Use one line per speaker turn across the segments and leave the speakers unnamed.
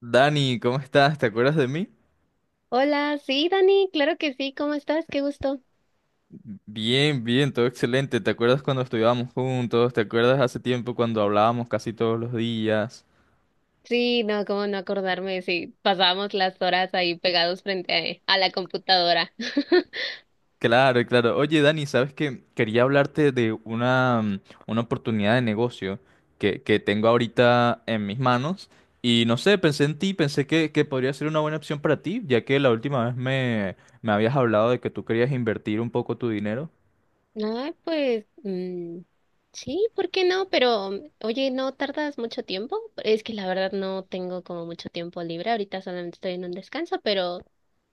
Dani, ¿cómo estás? ¿Te acuerdas de mí?
Hola, sí, Dani, claro que sí, ¿cómo estás? Qué gusto.
Bien, bien, todo excelente. ¿Te acuerdas cuando estudiábamos juntos? ¿Te acuerdas hace tiempo cuando hablábamos casi todos los días?
Sí, no, cómo no acordarme, sí, pasábamos las horas ahí pegados frente a la computadora.
Claro, claro. Oye, Dani, ¿sabes qué? Quería hablarte de una una oportunidad de negocio que tengo ahorita en mis manos. Y no sé, pensé en ti, pensé que podría ser una buena opción para ti, ya que la última vez me habías hablado de que tú querías invertir un poco tu dinero.
Ah, pues, sí, ¿por qué no? Pero, oye, ¿no tardas mucho tiempo? Es que la verdad no tengo como mucho tiempo libre, ahorita solamente estoy en un descanso, pero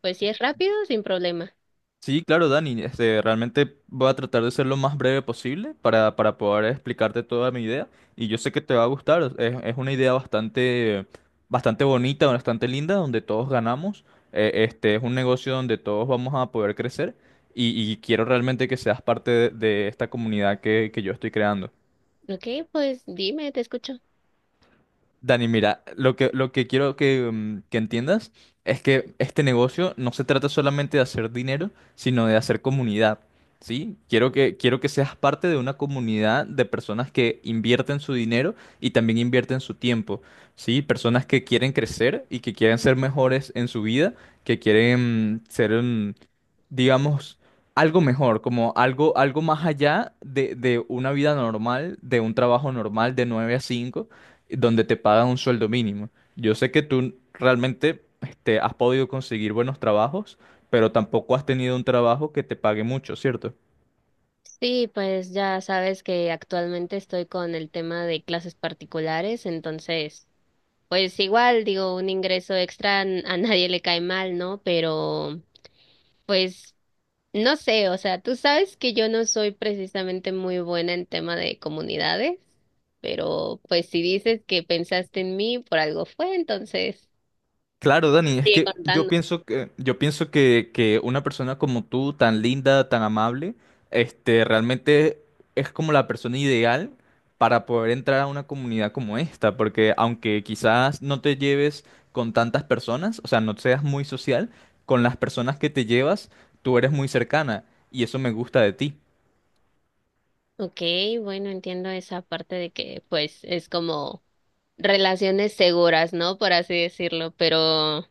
pues si es rápido, sin problema.
Sí, claro, Dani. Este, realmente voy a tratar de ser lo más breve posible para poder explicarte toda mi idea. Y yo sé que te va a gustar. Es una idea bastante, bastante bonita, bastante linda, donde todos ganamos. Este es un negocio donde todos vamos a poder crecer. Y quiero realmente que seas parte de esta comunidad que yo estoy creando.
Ok, pues dime, te escucho.
Dani, mira, lo que quiero que entiendas es que este negocio no se trata solamente de hacer dinero, sino de hacer comunidad, ¿sí? Quiero que seas parte de una comunidad de personas que invierten su dinero y también invierten su tiempo, ¿sí? Personas que quieren crecer y que quieren ser mejores en su vida, que quieren ser, digamos, algo mejor, como algo más allá de una vida normal, de un trabajo normal de 9 a 5 donde te pagan un sueldo mínimo. Yo sé que tú realmente este, has podido conseguir buenos trabajos, pero tampoco has tenido un trabajo que te pague mucho, ¿cierto?
Sí, pues ya sabes que actualmente estoy con el tema de clases particulares, entonces... Pues igual, digo, un ingreso extra a nadie le cae mal, ¿no? Pero, pues, no sé, o sea, tú sabes que yo no soy precisamente muy buena en tema de comunidades, pero pues si dices que pensaste en mí, por algo fue, entonces
Claro, Dani, es
sigue
que
contando.
yo pienso que una persona como tú, tan linda, tan amable, este, realmente es como la persona ideal para poder entrar a una comunidad como esta, porque aunque quizás no te lleves con tantas personas, o sea, no seas muy social, con las personas que te llevas, tú eres muy cercana y eso me gusta de ti.
Ok, bueno, entiendo esa parte de que, pues, es como relaciones seguras, ¿no? Por así decirlo, pero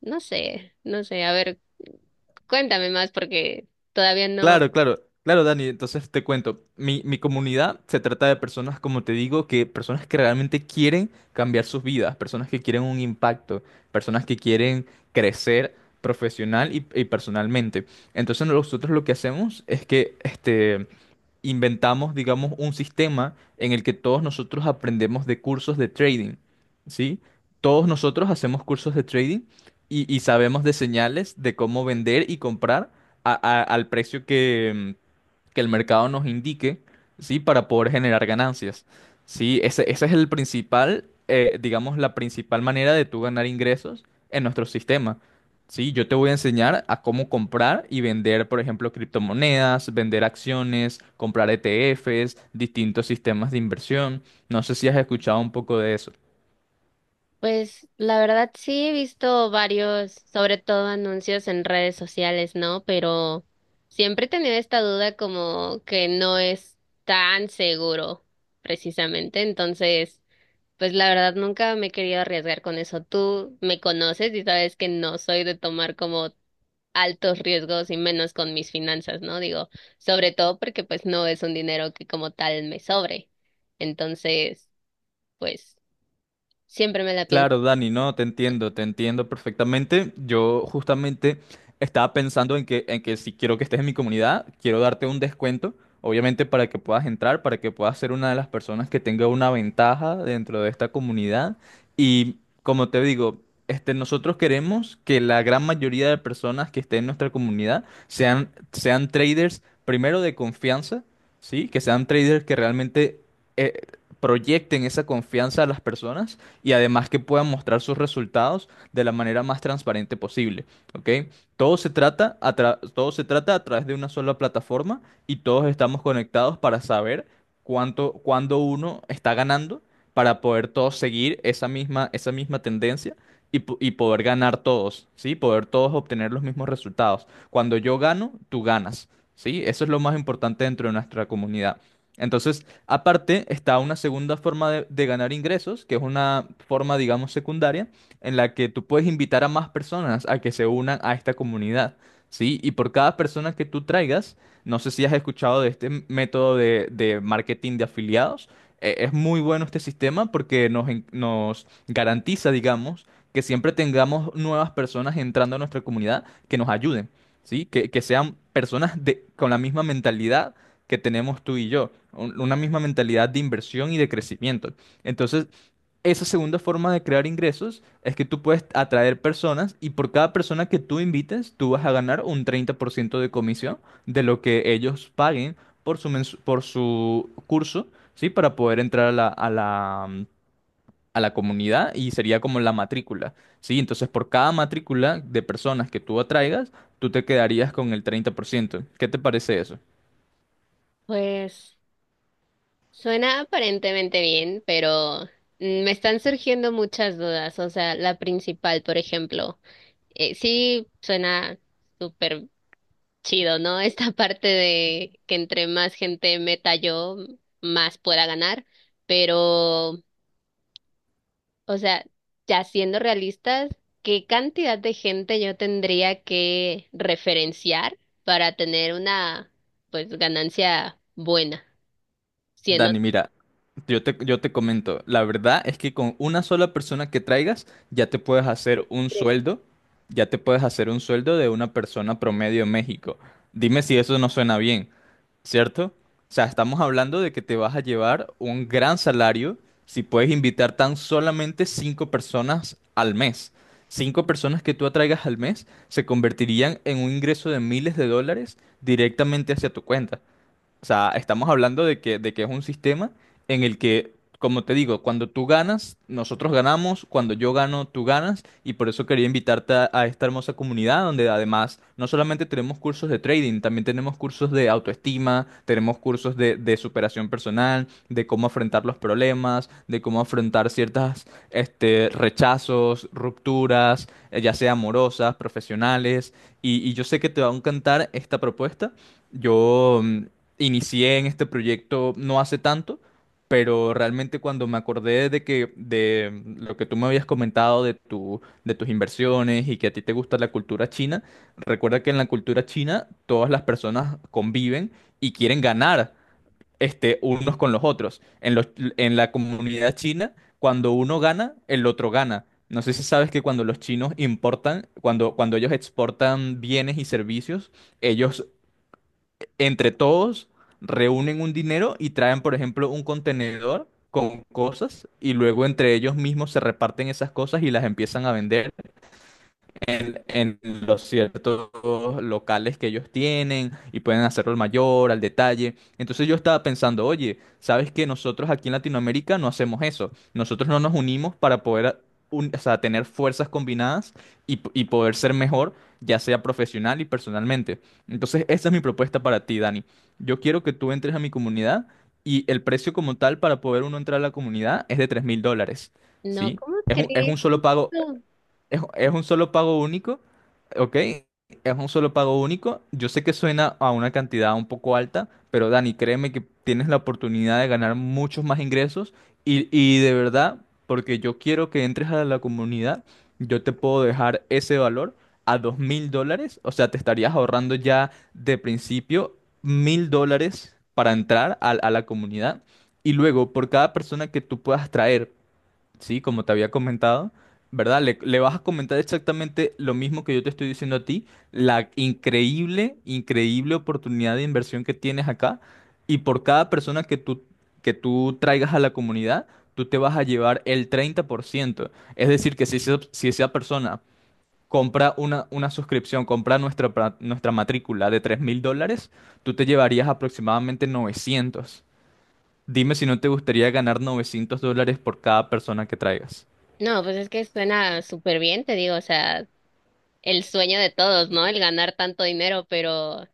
no sé, no sé, a ver, cuéntame más porque todavía no.
Claro, claro, claro, Dani. Entonces te cuento, mi comunidad se trata de personas, como te digo, que personas que realmente quieren cambiar sus vidas, personas que quieren un impacto, personas que quieren crecer profesional y personalmente. Entonces nosotros lo que hacemos es que, este, inventamos, digamos, un sistema en el que todos nosotros aprendemos de cursos de trading, ¿sí? Todos nosotros hacemos cursos de trading y sabemos de señales de cómo vender y comprar al precio que el mercado nos indique, ¿sí? Para poder generar ganancias, ¿sí? Ese es el principal, digamos, la principal manera de tú ganar ingresos en nuestro sistema, ¿sí? Yo te voy a enseñar a cómo comprar y vender, por ejemplo, criptomonedas, vender acciones, comprar ETFs, distintos sistemas de inversión. No sé si has escuchado un poco de eso.
Pues la verdad sí he visto varios, sobre todo anuncios en redes sociales, ¿no? Pero siempre he tenido esta duda como que no es tan seguro, precisamente. Entonces, pues la verdad nunca me he querido arriesgar con eso. Tú me conoces y sabes que no soy de tomar como altos riesgos y menos con mis finanzas, ¿no? Digo, sobre todo porque pues no es un dinero que como tal me sobre. Entonces, pues siempre me la pienso.
Claro, Dani, no, te entiendo perfectamente. Yo justamente estaba pensando en que si quiero que estés en mi comunidad, quiero darte un descuento, obviamente para que puedas entrar, para que puedas ser una de las personas que tenga una ventaja dentro de esta comunidad. Y como te digo, este, nosotros queremos que la gran mayoría de personas que estén en nuestra comunidad sean traders, primero de confianza, ¿sí? Que sean traders que realmente eh, proyecten esa confianza a las personas y además que puedan mostrar sus resultados de la manera más transparente posible, ¿ok? Todo se trata a través de una sola plataforma y todos estamos conectados para saber cuándo uno está ganando para poder todos seguir esa misma tendencia y poder ganar todos, ¿sí? Poder todos obtener los mismos resultados. Cuando yo gano, tú ganas, ¿sí? Eso es lo más importante dentro de nuestra comunidad. Entonces, aparte, está una segunda forma de ganar ingresos, que es una forma, digamos, secundaria, en la que tú puedes invitar a más personas a que se unan a esta comunidad, ¿sí? Y por cada persona que tú traigas, no sé si has escuchado de este método de marketing de afiliados, es muy bueno este sistema porque nos garantiza, digamos, que siempre tengamos nuevas personas entrando a nuestra comunidad que nos ayuden, ¿sí? Que sean personas de, con la misma mentalidad que tenemos tú y yo, una misma mentalidad de inversión y de crecimiento. Entonces, esa segunda forma de crear ingresos es que tú puedes atraer personas y por cada persona que tú invites, tú vas a ganar un 30% de comisión de lo que ellos paguen por por su curso, ¿sí? Para poder entrar a a la comunidad y sería como la matrícula, ¿sí? Entonces, por cada matrícula de personas que tú atraigas, tú te quedarías con el 30%. ¿Qué te parece eso?
Pues suena aparentemente bien, pero me están surgiendo muchas dudas. O sea, la principal, por ejemplo, sí suena súper chido, ¿no? Esta parte de que entre más gente meta yo, más pueda ganar. Pero, o sea, ya siendo realistas, ¿qué cantidad de gente yo tendría que referenciar para tener una, pues, ganancia buena? Siendo...
Dani, mira, yo te comento, la verdad es que con una sola persona que traigas ya te puedes hacer un sueldo, ya te puedes hacer un sueldo de una persona promedio en México. Dime si eso no suena bien, ¿cierto? O sea, estamos hablando de que te vas a llevar un gran salario si puedes invitar tan solamente 5 personas al mes. Cinco personas que tú atraigas al mes se convertirían en un ingreso de miles de dólares directamente hacia tu cuenta. O sea, estamos hablando de que es un sistema en el que, como te digo, cuando tú ganas, nosotros ganamos, cuando yo gano, tú ganas, y por eso quería invitarte a esta hermosa comunidad donde además no solamente tenemos cursos de trading, también tenemos cursos de autoestima, tenemos cursos de superación personal, de cómo afrontar los problemas, de cómo afrontar ciertas, este, rechazos, rupturas, ya sea amorosas, profesionales, y yo sé que te va a encantar esta propuesta. Yo inicié en este proyecto no hace tanto, pero realmente cuando me acordé de que de lo que tú me habías comentado de tu de tus inversiones y que a ti te gusta la cultura china, recuerda que en la cultura china todas las personas conviven y quieren ganar este unos con los otros. En la comunidad china, cuando uno gana, el otro gana. No sé si sabes que cuando los chinos importan, cuando ellos exportan bienes y servicios, ellos entre todos reúnen un dinero y traen, por ejemplo, un contenedor con cosas y luego entre ellos mismos se reparten esas cosas y las empiezan a vender en los ciertos locales que ellos tienen y pueden hacerlo al mayor, al detalle. Entonces yo estaba pensando, oye, ¿sabes que Nosotros aquí en Latinoamérica no hacemos eso. Nosotros no nos unimos para poder o sea, tener fuerzas combinadas y poder ser mejor, ya sea profesional y personalmente. Entonces esa es mi propuesta para ti, Dani. Yo quiero que tú entres a mi comunidad y el precio como tal para poder uno entrar a la comunidad es de $3000,
No,
¿sí?
¿cómo
Es
crees?
un solo pago, es un solo pago único, ¿ok? Es un solo pago único. Yo sé que suena a una cantidad un poco alta, pero Dani, créeme que tienes la oportunidad de ganar muchos más ingresos y de verdad, porque yo quiero que entres a la comunidad, yo te puedo dejar ese valor a $2000. O sea, te estarías ahorrando ya de principio $1000 para entrar a la comunidad. Y luego, por cada persona que tú puedas traer. Sí, como te había comentado, ¿verdad? Le vas a comentar exactamente lo mismo que yo te estoy diciendo a ti, la increíble, increíble oportunidad de inversión que tienes acá y por cada persona que tú traigas a la comunidad, tú te vas a llevar el 30%. Es decir, que si esa persona compra una suscripción, compra nuestra matrícula de $3000, tú te llevarías aproximadamente 900. Dime si no te gustaría ganar $900 por cada persona que traigas.
No, pues es que suena súper bien, te digo, o sea, el sueño de todos, ¿no? El ganar tanto dinero, pero,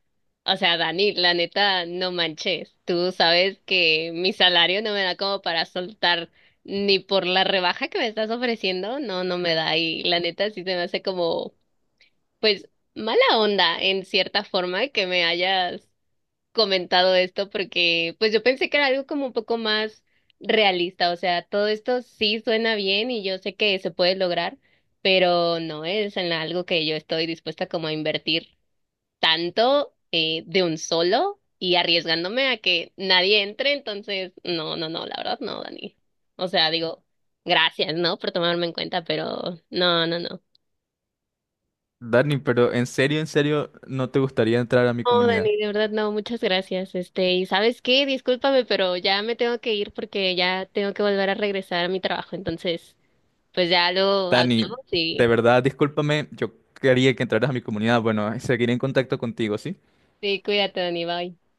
o sea, Dani, la neta, no manches. Tú sabes que mi salario no me da como para soltar ni por la rebaja que me estás ofreciendo, no, no me da. Y la neta sí se me hace como, pues, mala onda en cierta forma que me hayas comentado esto porque pues yo pensé que era algo como un poco más realista, o sea, todo esto sí suena bien y yo sé que se puede lograr, pero no es en algo que yo estoy dispuesta como a invertir tanto de un solo y arriesgándome a que nadie entre, entonces no, no, no, la verdad no, Dani. O sea, digo, gracias, ¿no? Por tomarme en cuenta, pero no, no, no.
Dani, pero en serio, ¿no te gustaría entrar a mi
No,
comunidad?
Dani, de verdad no, muchas gracias. Este, y ¿sabes qué? Discúlpame, pero ya me tengo que ir porque ya tengo que volver a regresar a mi trabajo. Entonces, pues ya lo
Dani,
hablamos
de
y
verdad, discúlpame, yo quería que entraras a mi comunidad. Bueno, seguiré en contacto contigo, ¿sí?
sí, cuídate, Dani, bye.